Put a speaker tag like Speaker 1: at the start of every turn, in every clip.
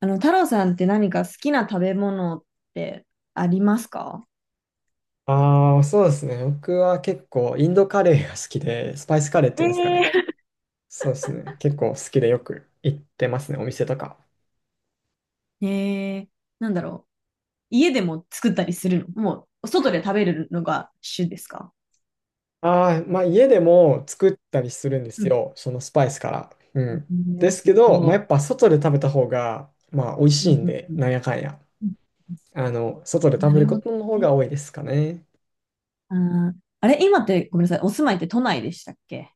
Speaker 1: あの、太郎さんって何か好きな食べ物ってありますか？
Speaker 2: ああ、そうですね。僕は結構インドカレーが好きで、スパイスカレーっていうんですかね。そうですね。結構好きでよく行ってますね、お店とか。
Speaker 1: えー、なんだろう。家でも作ったりするの、外で食べるのが主ですか？
Speaker 2: ああ、まあ家でも作ったりするんで
Speaker 1: う
Speaker 2: す
Speaker 1: ん、
Speaker 2: よ、そのスパイスから。うん。で
Speaker 1: ね、
Speaker 2: す
Speaker 1: す
Speaker 2: けど、まあや
Speaker 1: ご
Speaker 2: っぱ外で食べた方が、まあ美味
Speaker 1: い。
Speaker 2: し
Speaker 1: う
Speaker 2: い
Speaker 1: ん
Speaker 2: ん
Speaker 1: うん
Speaker 2: で、
Speaker 1: うん、
Speaker 2: なんやかんや。
Speaker 1: うん、
Speaker 2: あの、外で
Speaker 1: な
Speaker 2: 食べ
Speaker 1: る
Speaker 2: るこ
Speaker 1: ほど
Speaker 2: との方
Speaker 1: ね。
Speaker 2: が多いですかね。
Speaker 1: ああれ、今って、ごめんなさい、お住まいって都内でしたっけ？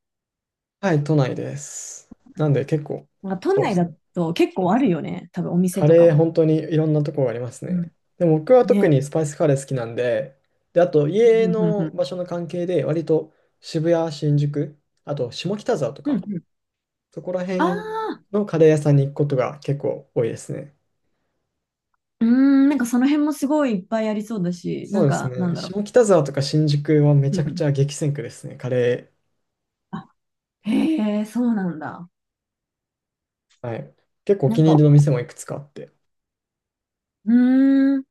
Speaker 2: はい、都内です。なんで結構、
Speaker 1: なんか都
Speaker 2: そうで
Speaker 1: 内
Speaker 2: す
Speaker 1: だ
Speaker 2: ね。
Speaker 1: と結構あるよね。多分お店
Speaker 2: カ
Speaker 1: とか
Speaker 2: レー
Speaker 1: も。
Speaker 2: 本当にいろんなとこがあります
Speaker 1: うん。
Speaker 2: ね。でも僕は特
Speaker 1: ね。
Speaker 2: にスパイスカレー好きなんで、で、あと
Speaker 1: う
Speaker 2: 家
Speaker 1: んうんうんう
Speaker 2: の
Speaker 1: ん。
Speaker 2: 場所の関係で割と渋谷、新宿、あと下北沢と
Speaker 1: うん
Speaker 2: か、
Speaker 1: うん。
Speaker 2: そこら
Speaker 1: あ
Speaker 2: 辺
Speaker 1: あ、
Speaker 2: のカレー屋さんに行くことが結構多いですね。
Speaker 1: うーなんかその辺もすごいいっぱいありそうだし、
Speaker 2: そ
Speaker 1: な
Speaker 2: う
Speaker 1: ん
Speaker 2: です
Speaker 1: か、なん
Speaker 2: ね。
Speaker 1: だろ
Speaker 2: 下北沢とか新宿はめ
Speaker 1: う。
Speaker 2: ち
Speaker 1: う
Speaker 2: ゃく
Speaker 1: ん。
Speaker 2: ちゃ激戦区ですね、カレ
Speaker 1: へえ、そうなんだ。
Speaker 2: ー。はい。結構お
Speaker 1: な
Speaker 2: 気
Speaker 1: ん
Speaker 2: に入
Speaker 1: か、
Speaker 2: りの店もいくつかあって。
Speaker 1: うーん、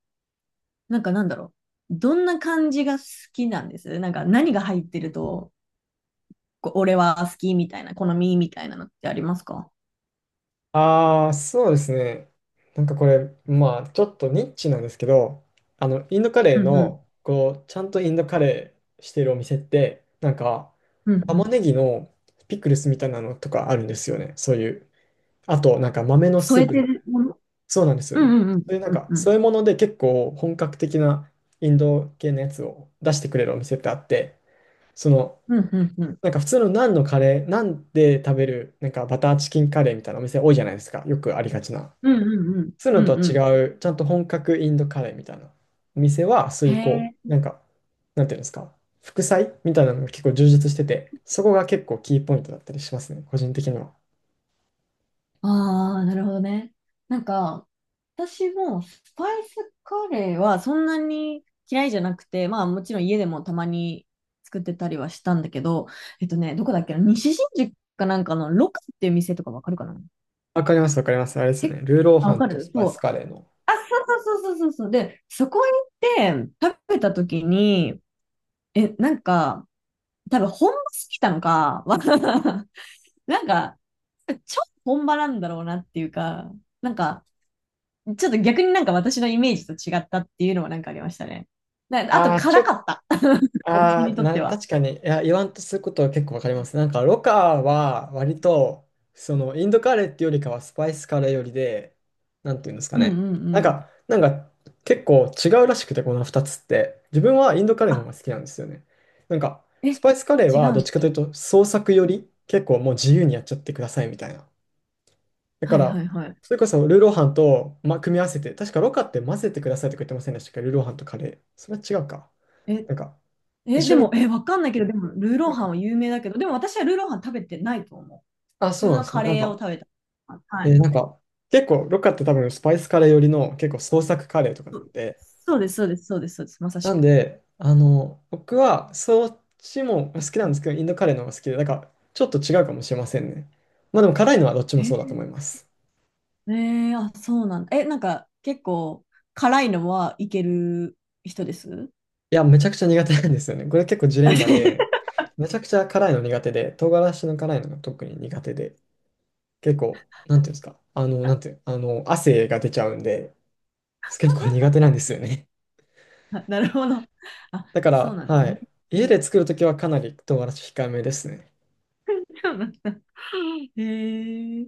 Speaker 1: なんかなんだろどんな感じが好きなんです？なんか何が入ってると、こう俺は好きみたいな、好みみたいなのってありますか？
Speaker 2: ああ、そうですね。なんかこれ、まあ、ちょっとニッチなんですけど、あの、インドカレ
Speaker 1: う
Speaker 2: ー
Speaker 1: んうん、
Speaker 2: の、こう、ちゃんとインドカレーしてるお店って、なんか、
Speaker 1: うんう
Speaker 2: 玉
Speaker 1: ん。
Speaker 2: ねぎのピクルスみたいなのとかあるんですよね。そういう。あと、なんか豆のス
Speaker 1: 添
Speaker 2: ー
Speaker 1: え
Speaker 2: プ
Speaker 1: て
Speaker 2: みたい
Speaker 1: る
Speaker 2: な。
Speaker 1: もの。
Speaker 2: そうなんですよ
Speaker 1: う
Speaker 2: ね。
Speaker 1: んうんうん、
Speaker 2: そういうなん
Speaker 1: うん
Speaker 2: か、
Speaker 1: う
Speaker 2: そ
Speaker 1: ん、
Speaker 2: ういうもので結構本格的なインド系のやつを出してくれるお店ってあって、その、
Speaker 1: うんうんうん、
Speaker 2: なんか普通のナンのカレー、ナンで食べる、なんかバターチキンカレーみたいなお店多いじゃないですか。よくありがちな。
Speaker 1: うんうんうん、
Speaker 2: そうい
Speaker 1: う
Speaker 2: うのとは
Speaker 1: んうん。
Speaker 2: 違う、ちゃんと本格インドカレーみたいなお店は
Speaker 1: へ
Speaker 2: 水耕、
Speaker 1: え。
Speaker 2: なんか、なんていうんですか、副菜みたいなのが結構充実してて、そこが結構キーポイントだったりしますね、個人的には。
Speaker 1: ああ、なるほどね。なんか、私もスパイスカレーはそんなに嫌いじゃなくて、まあもちろん家でもたまに作ってたりはしたんだけど、どこだっけな、西新宿かなんかのロカっていう店とかわかるかな？
Speaker 2: わかります、わかります。あれです
Speaker 1: 結構、
Speaker 2: ね、ルーロー
Speaker 1: あ、
Speaker 2: ハ
Speaker 1: わ
Speaker 2: ン
Speaker 1: か
Speaker 2: とス
Speaker 1: る
Speaker 2: パイ
Speaker 1: そ
Speaker 2: ス
Speaker 1: う。
Speaker 2: カレーの。
Speaker 1: あ、そうそうそうそうそうそう。で、そこに行って食べた時に、なんか、多分本場すぎたのか、なんか、超本場なんだろうなっていうか、なんか、ちょっと逆になんか私のイメージと違ったっていうのはなんかありましたね。あと
Speaker 2: ああ、ち
Speaker 1: 辛
Speaker 2: ょっ
Speaker 1: かった。私
Speaker 2: ああ、
Speaker 1: にとって
Speaker 2: な、
Speaker 1: は。
Speaker 2: 確かに、いや、言わんとすることは結構わかります。なんか、ロカは割と、その、インドカレーっていうよりかはスパイスカレーよりで、なんていうんですか
Speaker 1: うんう
Speaker 2: ね。
Speaker 1: ん
Speaker 2: な
Speaker 1: う
Speaker 2: ん
Speaker 1: ん。
Speaker 2: か、なんか、結構違うらしくて、この2つって。自分はインドカレーの方
Speaker 1: あ、
Speaker 2: が好きなんですよね。なんか、
Speaker 1: え、
Speaker 2: スパイスカレー
Speaker 1: 違
Speaker 2: は
Speaker 1: う
Speaker 2: どっちかとい
Speaker 1: の？
Speaker 2: うと、創作より、結構もう自由にやっちゃってくださいみたいな。だか
Speaker 1: はいは
Speaker 2: ら、
Speaker 1: いはい。
Speaker 2: それこそルーローハンと、ま、組み合わせて、確かロカって混ぜてくださいとか言ってませんでしたっけルーローハンとカレー。それは違うか。
Speaker 1: え、
Speaker 2: なんか、一緒
Speaker 1: で
Speaker 2: に、
Speaker 1: も、わかんないけど、でも、ルーロ
Speaker 2: な
Speaker 1: ー
Speaker 2: ん
Speaker 1: ハ
Speaker 2: か
Speaker 1: ンは有名だけど、でも私はルーローハン食べてないと思う。
Speaker 2: あ、
Speaker 1: 普
Speaker 2: そう
Speaker 1: 通
Speaker 2: なん
Speaker 1: の
Speaker 2: ですね。
Speaker 1: カ
Speaker 2: なん
Speaker 1: レーを
Speaker 2: か、
Speaker 1: 食べた。あ、は
Speaker 2: え
Speaker 1: い。
Speaker 2: ーなんか、結構、ロッカって多分スパイスカレー寄りの結構創作カレーとかなん
Speaker 1: そ
Speaker 2: で、
Speaker 1: そうです、そうです、そうです、そうです、まさし
Speaker 2: なん
Speaker 1: く。
Speaker 2: で、あの、僕はそっちも好きな
Speaker 1: う
Speaker 2: んで
Speaker 1: ん。
Speaker 2: すけど、インドカレーの方が好きで、なんか、ちょっと違うかもしれませんね。まあでも辛いのはどっちもそうだ
Speaker 1: え、
Speaker 2: と思います。
Speaker 1: えーあ、そうなんだ。なんか、結構、辛いのはいける人です？
Speaker 2: いや、めちゃくちゃ苦手なんですよね。これ結構ジレンマで、めちゃくちゃ辛いの苦手で、唐辛子の辛いのが特に苦手で、結構、なんていうんですか、あの、なんていう、あの、汗が出ちゃうんで、結構苦手なんですよね。
Speaker 1: あ、なるほど。あ、
Speaker 2: だか
Speaker 1: そう
Speaker 2: ら、
Speaker 1: なんで
Speaker 2: は
Speaker 1: すね。
Speaker 2: い。
Speaker 1: う
Speaker 2: 家
Speaker 1: ん、
Speaker 2: で作るときはかなり唐辛子控えめですね。
Speaker 1: そうなんだ。へえ、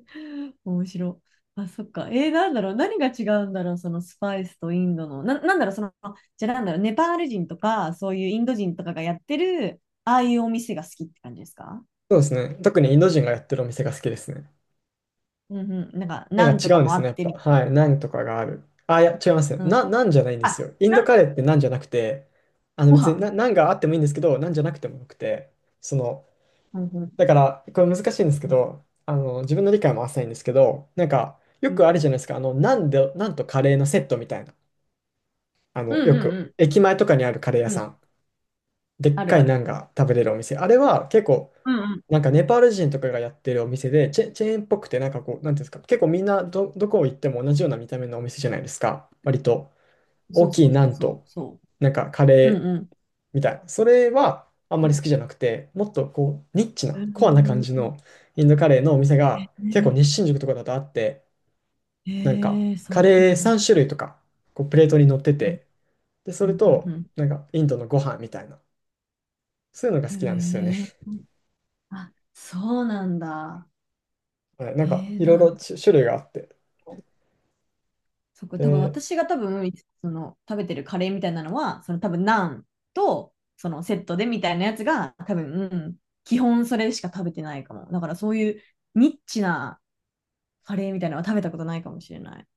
Speaker 1: 面白い。あ、そっか。なんだろう。何が違うんだろう。そのスパイスとインドの。なんだろう。その、じゃあなんだろう。ネパール人とか、そういうインド人とかがやってる、ああいうお店が好きって感じですか？
Speaker 2: そうですね。特にインド人がやってるお店が好きですね。
Speaker 1: うんうん。なんか、
Speaker 2: な
Speaker 1: ナ
Speaker 2: ん
Speaker 1: ン
Speaker 2: か
Speaker 1: と
Speaker 2: 違
Speaker 1: か
Speaker 2: うんで
Speaker 1: もあ
Speaker 2: すね、や
Speaker 1: っ
Speaker 2: っ
Speaker 1: て
Speaker 2: ぱ。
Speaker 1: みたい
Speaker 2: はい。ナンとかがある。あ、いや、違いますね。
Speaker 1: な。うん。
Speaker 2: ナンじゃないんです
Speaker 1: あ、
Speaker 2: よ。インド
Speaker 1: ナン、
Speaker 2: カレーってナンじゃなくて、あの
Speaker 1: ご
Speaker 2: 別に
Speaker 1: 飯。
Speaker 2: ナンがあってもいいんですけど、ナンじゃなくてもよくて、その、
Speaker 1: うんう
Speaker 2: だか
Speaker 1: ん
Speaker 2: ら、これ難しいんですけ
Speaker 1: うん
Speaker 2: ど、あの、自分の理解も浅いんですけど、なんか、よ
Speaker 1: うん、
Speaker 2: くあるじゃないですか。あの、ナンで、ナンとカレーのセットみたいな。あ
Speaker 1: う
Speaker 2: の、
Speaker 1: ん
Speaker 2: よ
Speaker 1: うんう
Speaker 2: く、
Speaker 1: ん
Speaker 2: 駅前とかにあるカレー屋
Speaker 1: う
Speaker 2: さ
Speaker 1: ん、
Speaker 2: ん。でっ
Speaker 1: ある
Speaker 2: かい
Speaker 1: あ
Speaker 2: ナン
Speaker 1: る。
Speaker 2: が食べれるお店。あれは結構、
Speaker 1: うんう
Speaker 2: なん
Speaker 1: ん。
Speaker 2: かネパール人とかがやってるお店で、チェーンっぽくて、なんかこう、なんていうんですか、結構みんなどこ行っても同じような見た目のお店じゃないですか。割と
Speaker 1: そ
Speaker 2: 大
Speaker 1: う
Speaker 2: き
Speaker 1: そ
Speaker 2: い
Speaker 1: う
Speaker 2: ナ
Speaker 1: そう
Speaker 2: ン
Speaker 1: そ
Speaker 2: と、
Speaker 1: う。そ
Speaker 2: なんかカ
Speaker 1: う。う
Speaker 2: レー
Speaker 1: ん
Speaker 2: みたいな。それはあんまり好きじゃなくて、もっとこう、ニッチ
Speaker 1: う
Speaker 2: な、コアな感
Speaker 1: ん。
Speaker 2: じのインドカレーのお店
Speaker 1: う
Speaker 2: が結構
Speaker 1: ん、
Speaker 2: 日新宿とかだとあって、なんか
Speaker 1: ええ、そう
Speaker 2: カ
Speaker 1: なん
Speaker 2: レー3
Speaker 1: だ。
Speaker 2: 種類とか、こうプレートに乗って
Speaker 1: うん、
Speaker 2: て、で、そ
Speaker 1: う
Speaker 2: れ
Speaker 1: ん、う
Speaker 2: と、
Speaker 1: ん、
Speaker 2: なんかインドのご飯みたいな、そういうのが
Speaker 1: う
Speaker 2: 好きなんですよね。
Speaker 1: ん。へえ。あ、そうなんだ。
Speaker 2: はいな
Speaker 1: え
Speaker 2: んかいろい
Speaker 1: なん
Speaker 2: ろ
Speaker 1: か、
Speaker 2: 種類があって。
Speaker 1: 多分
Speaker 2: で
Speaker 1: 私が多分、その、食べてるカレーみたいなのは、その多分、ナンと、そのセットでみたいなやつが、多分、うん、基本それしか食べてないかも。だからそういうニッチなカレーみたいなのは食べたことないかもしれない。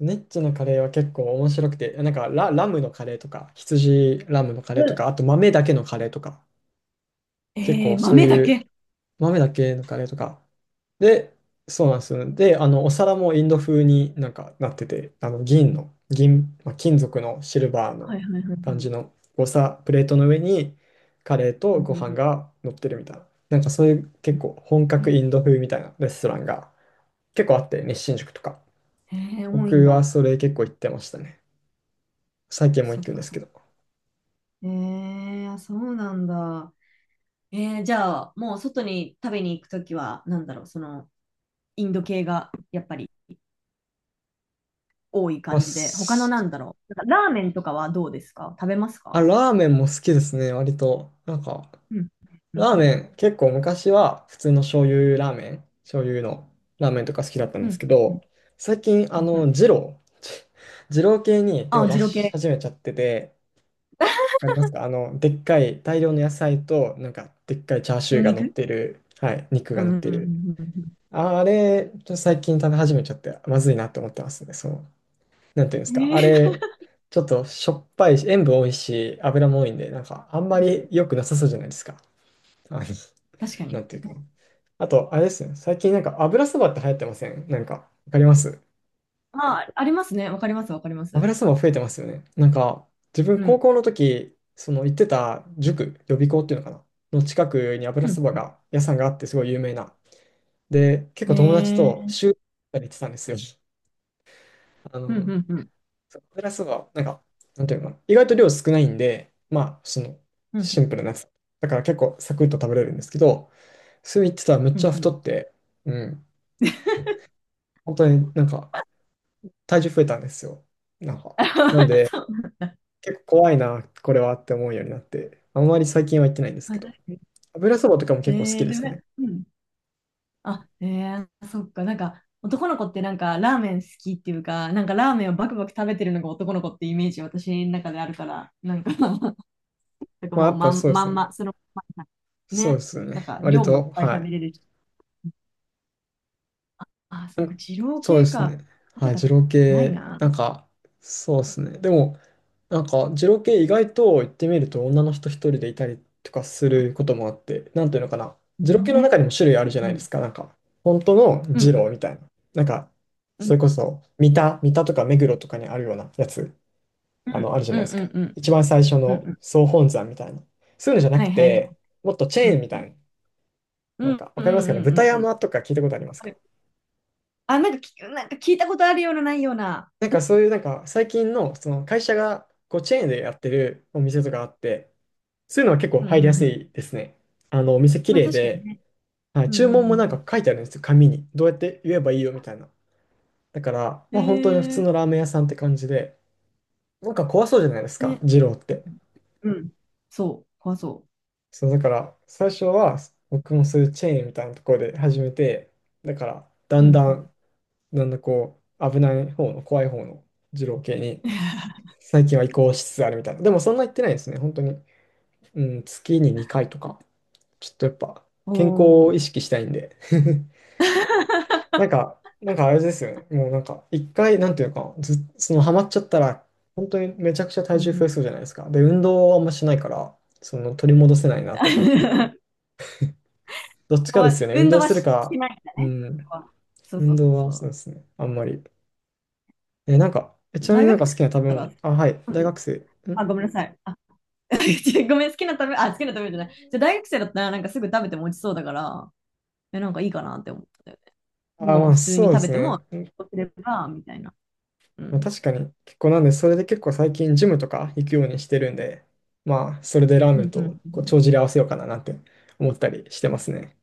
Speaker 2: ネッチのカレーは結構面白くて、なんかラムのカレーとか、羊ラムのカ
Speaker 1: う
Speaker 2: レーとか、
Speaker 1: ん、
Speaker 2: あと豆だけのカレーとか、結
Speaker 1: ええ、
Speaker 2: 構そう
Speaker 1: 豆だ
Speaker 2: いう
Speaker 1: け。
Speaker 2: 豆だけのカレーとか。で、そうなんですよ。で、あの、お皿もインド風になんかなってて、あの、銀の、銀、まあ、金属のシルバー
Speaker 1: は
Speaker 2: の
Speaker 1: いはいはいはい。
Speaker 2: 感じのお皿、プレートの上にカレー
Speaker 1: う
Speaker 2: と
Speaker 1: ん
Speaker 2: ご
Speaker 1: うんう
Speaker 2: 飯
Speaker 1: ん、
Speaker 2: が乗ってるみたいな。なんかそういう結構本格インド風みたいなレストランが結構あって、日進食とか。
Speaker 1: ええ多いん
Speaker 2: 僕は
Speaker 1: だ。
Speaker 2: それ結構行ってましたね。最近も
Speaker 1: そ
Speaker 2: 行
Speaker 1: っ
Speaker 2: くんで
Speaker 1: か
Speaker 2: す
Speaker 1: そ
Speaker 2: け
Speaker 1: っ
Speaker 2: ど。
Speaker 1: か。えあ、そうなんだ。じゃあ、もう外に食べに行くときは、なんだろう、その、インド系がやっぱり多い
Speaker 2: あ、
Speaker 1: 感じで、他のな
Speaker 2: す
Speaker 1: んだろう、なんかラーメンとかはどうですか？食べます
Speaker 2: あ
Speaker 1: か？
Speaker 2: ラーメンも好きですね、割と。なんか、
Speaker 1: うん、うん、
Speaker 2: ラー
Speaker 1: う
Speaker 2: メ
Speaker 1: ん、
Speaker 2: ン、結構昔は普通の醤油ラーメン、醤油のラーメンとか好きだったん
Speaker 1: う
Speaker 2: です
Speaker 1: ん、
Speaker 2: け
Speaker 1: う
Speaker 2: ど、
Speaker 1: ん、
Speaker 2: 最近、あ
Speaker 1: うんう
Speaker 2: の、
Speaker 1: ん。
Speaker 2: 二郎、二郎系に手を
Speaker 1: あ、
Speaker 2: 出
Speaker 1: 二郎
Speaker 2: し
Speaker 1: 系、
Speaker 2: 始めちゃってて、わかりますかあの、でっかい大量の野菜と、なんか、でっかいチャーシュ
Speaker 1: ニ
Speaker 2: ー
Speaker 1: ン
Speaker 2: が
Speaker 1: ニ
Speaker 2: 乗っ
Speaker 1: ク。
Speaker 2: てる、はい、肉
Speaker 1: う
Speaker 2: が乗っ
Speaker 1: ん、うん、
Speaker 2: て
Speaker 1: う
Speaker 2: る。
Speaker 1: ん、うん
Speaker 2: あれ、ちょっと最近食べ始めちゃって、まずいなって思ってますね、そう。なんていうんで
Speaker 1: う
Speaker 2: す
Speaker 1: ん。
Speaker 2: か、あれ、ちょっとしょっぱいし、塩分多いし、油も多いんで、なんかあんまり良くなさそうじゃないですか。あの、
Speaker 1: 確か
Speaker 2: な
Speaker 1: に。
Speaker 2: んていうか。あと、あれですね、最近なんか油そばって流行ってませんなんか、わかります
Speaker 1: まあ、ありますね。わかります、わかります。
Speaker 2: 油そば増えてますよね。なんか、自分
Speaker 1: う
Speaker 2: 高
Speaker 1: ん、
Speaker 2: 校の時、その行ってた塾、予備校っていうのかなの近くに油
Speaker 1: う
Speaker 2: そ
Speaker 1: ん、
Speaker 2: ば
Speaker 1: う
Speaker 2: が、屋さんがあってすごい有名な。で、結
Speaker 1: ん。
Speaker 2: 構友達と週に行ってたんですよ。あ
Speaker 1: うん、う
Speaker 2: の、
Speaker 1: ん、うん、
Speaker 2: そうプラスは、なんか、なんていうのかな。意外と量少ないんで、まあ、その、
Speaker 1: う
Speaker 2: シ
Speaker 1: ん、
Speaker 2: ンプルなやつ。だから結構サクッと食べれるんですけど、それ言ってたらめっ
Speaker 1: う
Speaker 2: ち
Speaker 1: ん、
Speaker 2: ゃ
Speaker 1: うん
Speaker 2: 太って、うん。
Speaker 1: うん、
Speaker 2: 本当になんか、体重増えたんですよ。なんか。なんで、
Speaker 1: そう。
Speaker 2: 結構怖いな、これはって思うようになって、あんまり最近は行ってないんで す
Speaker 1: あ、
Speaker 2: け
Speaker 1: 確か
Speaker 2: ど、
Speaker 1: に。
Speaker 2: 油そばとかも結構好きで
Speaker 1: でも
Speaker 2: す
Speaker 1: ね、
Speaker 2: ね。
Speaker 1: うん、あ、ええ、そっか、なんか、男の子ってなんか、ラーメン好きっていうか、なんかラーメンをバクバク食べてるのが男の子ってイメージ、私の中であるから、なんか なんか
Speaker 2: まあ、
Speaker 1: も
Speaker 2: や
Speaker 1: う
Speaker 2: っ
Speaker 1: ま
Speaker 2: ぱ
Speaker 1: ん、
Speaker 2: そうで
Speaker 1: ま
Speaker 2: す
Speaker 1: ん
Speaker 2: ね。
Speaker 1: ま、その、まんま
Speaker 2: そうで
Speaker 1: ね、
Speaker 2: すよ
Speaker 1: なん
Speaker 2: ね。
Speaker 1: か、
Speaker 2: 割
Speaker 1: 量もいっ
Speaker 2: と、
Speaker 1: ぱい
Speaker 2: は
Speaker 1: 食
Speaker 2: い。
Speaker 1: べれるし。あ、そっか、二郎
Speaker 2: そうで
Speaker 1: 系
Speaker 2: す
Speaker 1: か。
Speaker 2: ね。
Speaker 1: 食べ
Speaker 2: はい、
Speaker 1: た
Speaker 2: 二
Speaker 1: こと
Speaker 2: 郎
Speaker 1: ない
Speaker 2: 系、なん
Speaker 1: な。
Speaker 2: か、そうですね。でも、なんか、二郎系意外と行ってみると女の人一人でいたりとかす
Speaker 1: あ、
Speaker 2: ることもあって、なんていうのかな。二郎系の
Speaker 1: ね。
Speaker 2: 中にも種類あるじゃな
Speaker 1: う
Speaker 2: いで
Speaker 1: ん。
Speaker 2: すか。なんか、本当の
Speaker 1: う
Speaker 2: 二
Speaker 1: ん。
Speaker 2: 郎みたいな。なんか、
Speaker 1: う
Speaker 2: そ
Speaker 1: ん。
Speaker 2: れこそ、三田とか目黒とかにあるようなやつ、
Speaker 1: う
Speaker 2: あの、
Speaker 1: ん。
Speaker 2: あるじゃ
Speaker 1: う
Speaker 2: ない
Speaker 1: ん。
Speaker 2: です
Speaker 1: う
Speaker 2: か。
Speaker 1: ん。うん。
Speaker 2: 一番最初
Speaker 1: うん。
Speaker 2: の
Speaker 1: うん、
Speaker 2: 総本山みたいな。そういうのじゃな
Speaker 1: は
Speaker 2: く
Speaker 1: いはいはい。
Speaker 2: て、もっとチェ
Speaker 1: う
Speaker 2: ー
Speaker 1: ん。
Speaker 2: ンみ
Speaker 1: う
Speaker 2: た
Speaker 1: ん。
Speaker 2: いな。な
Speaker 1: う
Speaker 2: ん
Speaker 1: ん。
Speaker 2: か、わ
Speaker 1: うん。う
Speaker 2: かりますかね。
Speaker 1: ん。う
Speaker 2: 豚
Speaker 1: ん。うん、
Speaker 2: 山とか聞いたことあり
Speaker 1: わ
Speaker 2: ます
Speaker 1: か
Speaker 2: か
Speaker 1: る。あ、なんかき、なんか聞いたことあるような、ないような。
Speaker 2: なんかそういうなんか最近のその会社がこうチェーンでやってるお店とかあって、そういうのは結構
Speaker 1: うん。うん。
Speaker 2: 入りや
Speaker 1: う
Speaker 2: す
Speaker 1: ん。
Speaker 2: いですね。あのお店綺
Speaker 1: まあ、
Speaker 2: 麗
Speaker 1: 確かに
Speaker 2: で、
Speaker 1: ね。
Speaker 2: はい、
Speaker 1: うんう
Speaker 2: 注文もなん
Speaker 1: んうん
Speaker 2: か書いてあるんですよ、紙に。どうやって言えばいいよみたいな。だから、
Speaker 1: うん。
Speaker 2: まあ本当に普
Speaker 1: へ
Speaker 2: 通
Speaker 1: え。
Speaker 2: のラーメン屋さんって感じで、なんか怖そうじゃないですか、
Speaker 1: ね。
Speaker 2: 二郎って。
Speaker 1: うんうん。そう、怖そ
Speaker 2: そうだから最初は僕もそういうチェーンみたいなところで始めて、だからだ
Speaker 1: う。う
Speaker 2: んだ
Speaker 1: んうん。
Speaker 2: ん、だんだんこう危ない方の怖い方の二郎系に最近は移行しつつあるみたいな。でもそんな言ってないですね、本当に。うん、月に2回とか、ちょっとやっぱ
Speaker 1: お
Speaker 2: 健康を意
Speaker 1: お。
Speaker 2: 識したいんで。なんか、なんかあれですよね。もうなんか、一回、なんていうのか、ず、そのハマっちゃったら、本当にめちゃくちゃ
Speaker 1: う
Speaker 2: 体重
Speaker 1: んう
Speaker 2: 増
Speaker 1: ん。
Speaker 2: えそうじゃないですか。で、運動はあんましないから、その取り戻せないなと思って。どっちかで
Speaker 1: は、
Speaker 2: すよね。運
Speaker 1: 運
Speaker 2: 動
Speaker 1: 動は
Speaker 2: する
Speaker 1: し
Speaker 2: か、
Speaker 1: ないんだ
Speaker 2: う
Speaker 1: ね。
Speaker 2: ん、
Speaker 1: そうそ
Speaker 2: 運
Speaker 1: うそう
Speaker 2: 動はそ
Speaker 1: そ
Speaker 2: うですね。あんまり。え、なんか、えち
Speaker 1: う。
Speaker 2: なみ
Speaker 1: 大
Speaker 2: になん
Speaker 1: 学
Speaker 2: か
Speaker 1: 生
Speaker 2: 好きな食べ
Speaker 1: だっ
Speaker 2: 物、あ、はい、
Speaker 1: たら、うん
Speaker 2: 大
Speaker 1: うん、
Speaker 2: 学生。
Speaker 1: あ、
Speaker 2: ん
Speaker 1: ごめんなさい。あ、違うごめん、好きな食べ、あ、好きな食べじゃない。じゃあ大学生だったら、なんかすぐ食べても落ちそうだから、なんかいいかなって思った。
Speaker 2: あ、
Speaker 1: も
Speaker 2: ま
Speaker 1: う
Speaker 2: あ
Speaker 1: 普通
Speaker 2: そう
Speaker 1: に
Speaker 2: で
Speaker 1: 食
Speaker 2: す
Speaker 1: べても、
Speaker 2: ね。
Speaker 1: 落ちれば、みたいな。う
Speaker 2: まあ、
Speaker 1: ん。
Speaker 2: 確かに結構なんで、それで結構最近ジムとか行くようにしてるんで、まあ、それでラー
Speaker 1: う
Speaker 2: メン
Speaker 1: んうんう
Speaker 2: と
Speaker 1: んう
Speaker 2: こう
Speaker 1: ん。
Speaker 2: 帳尻合わせようかななんて思ったりしてますね。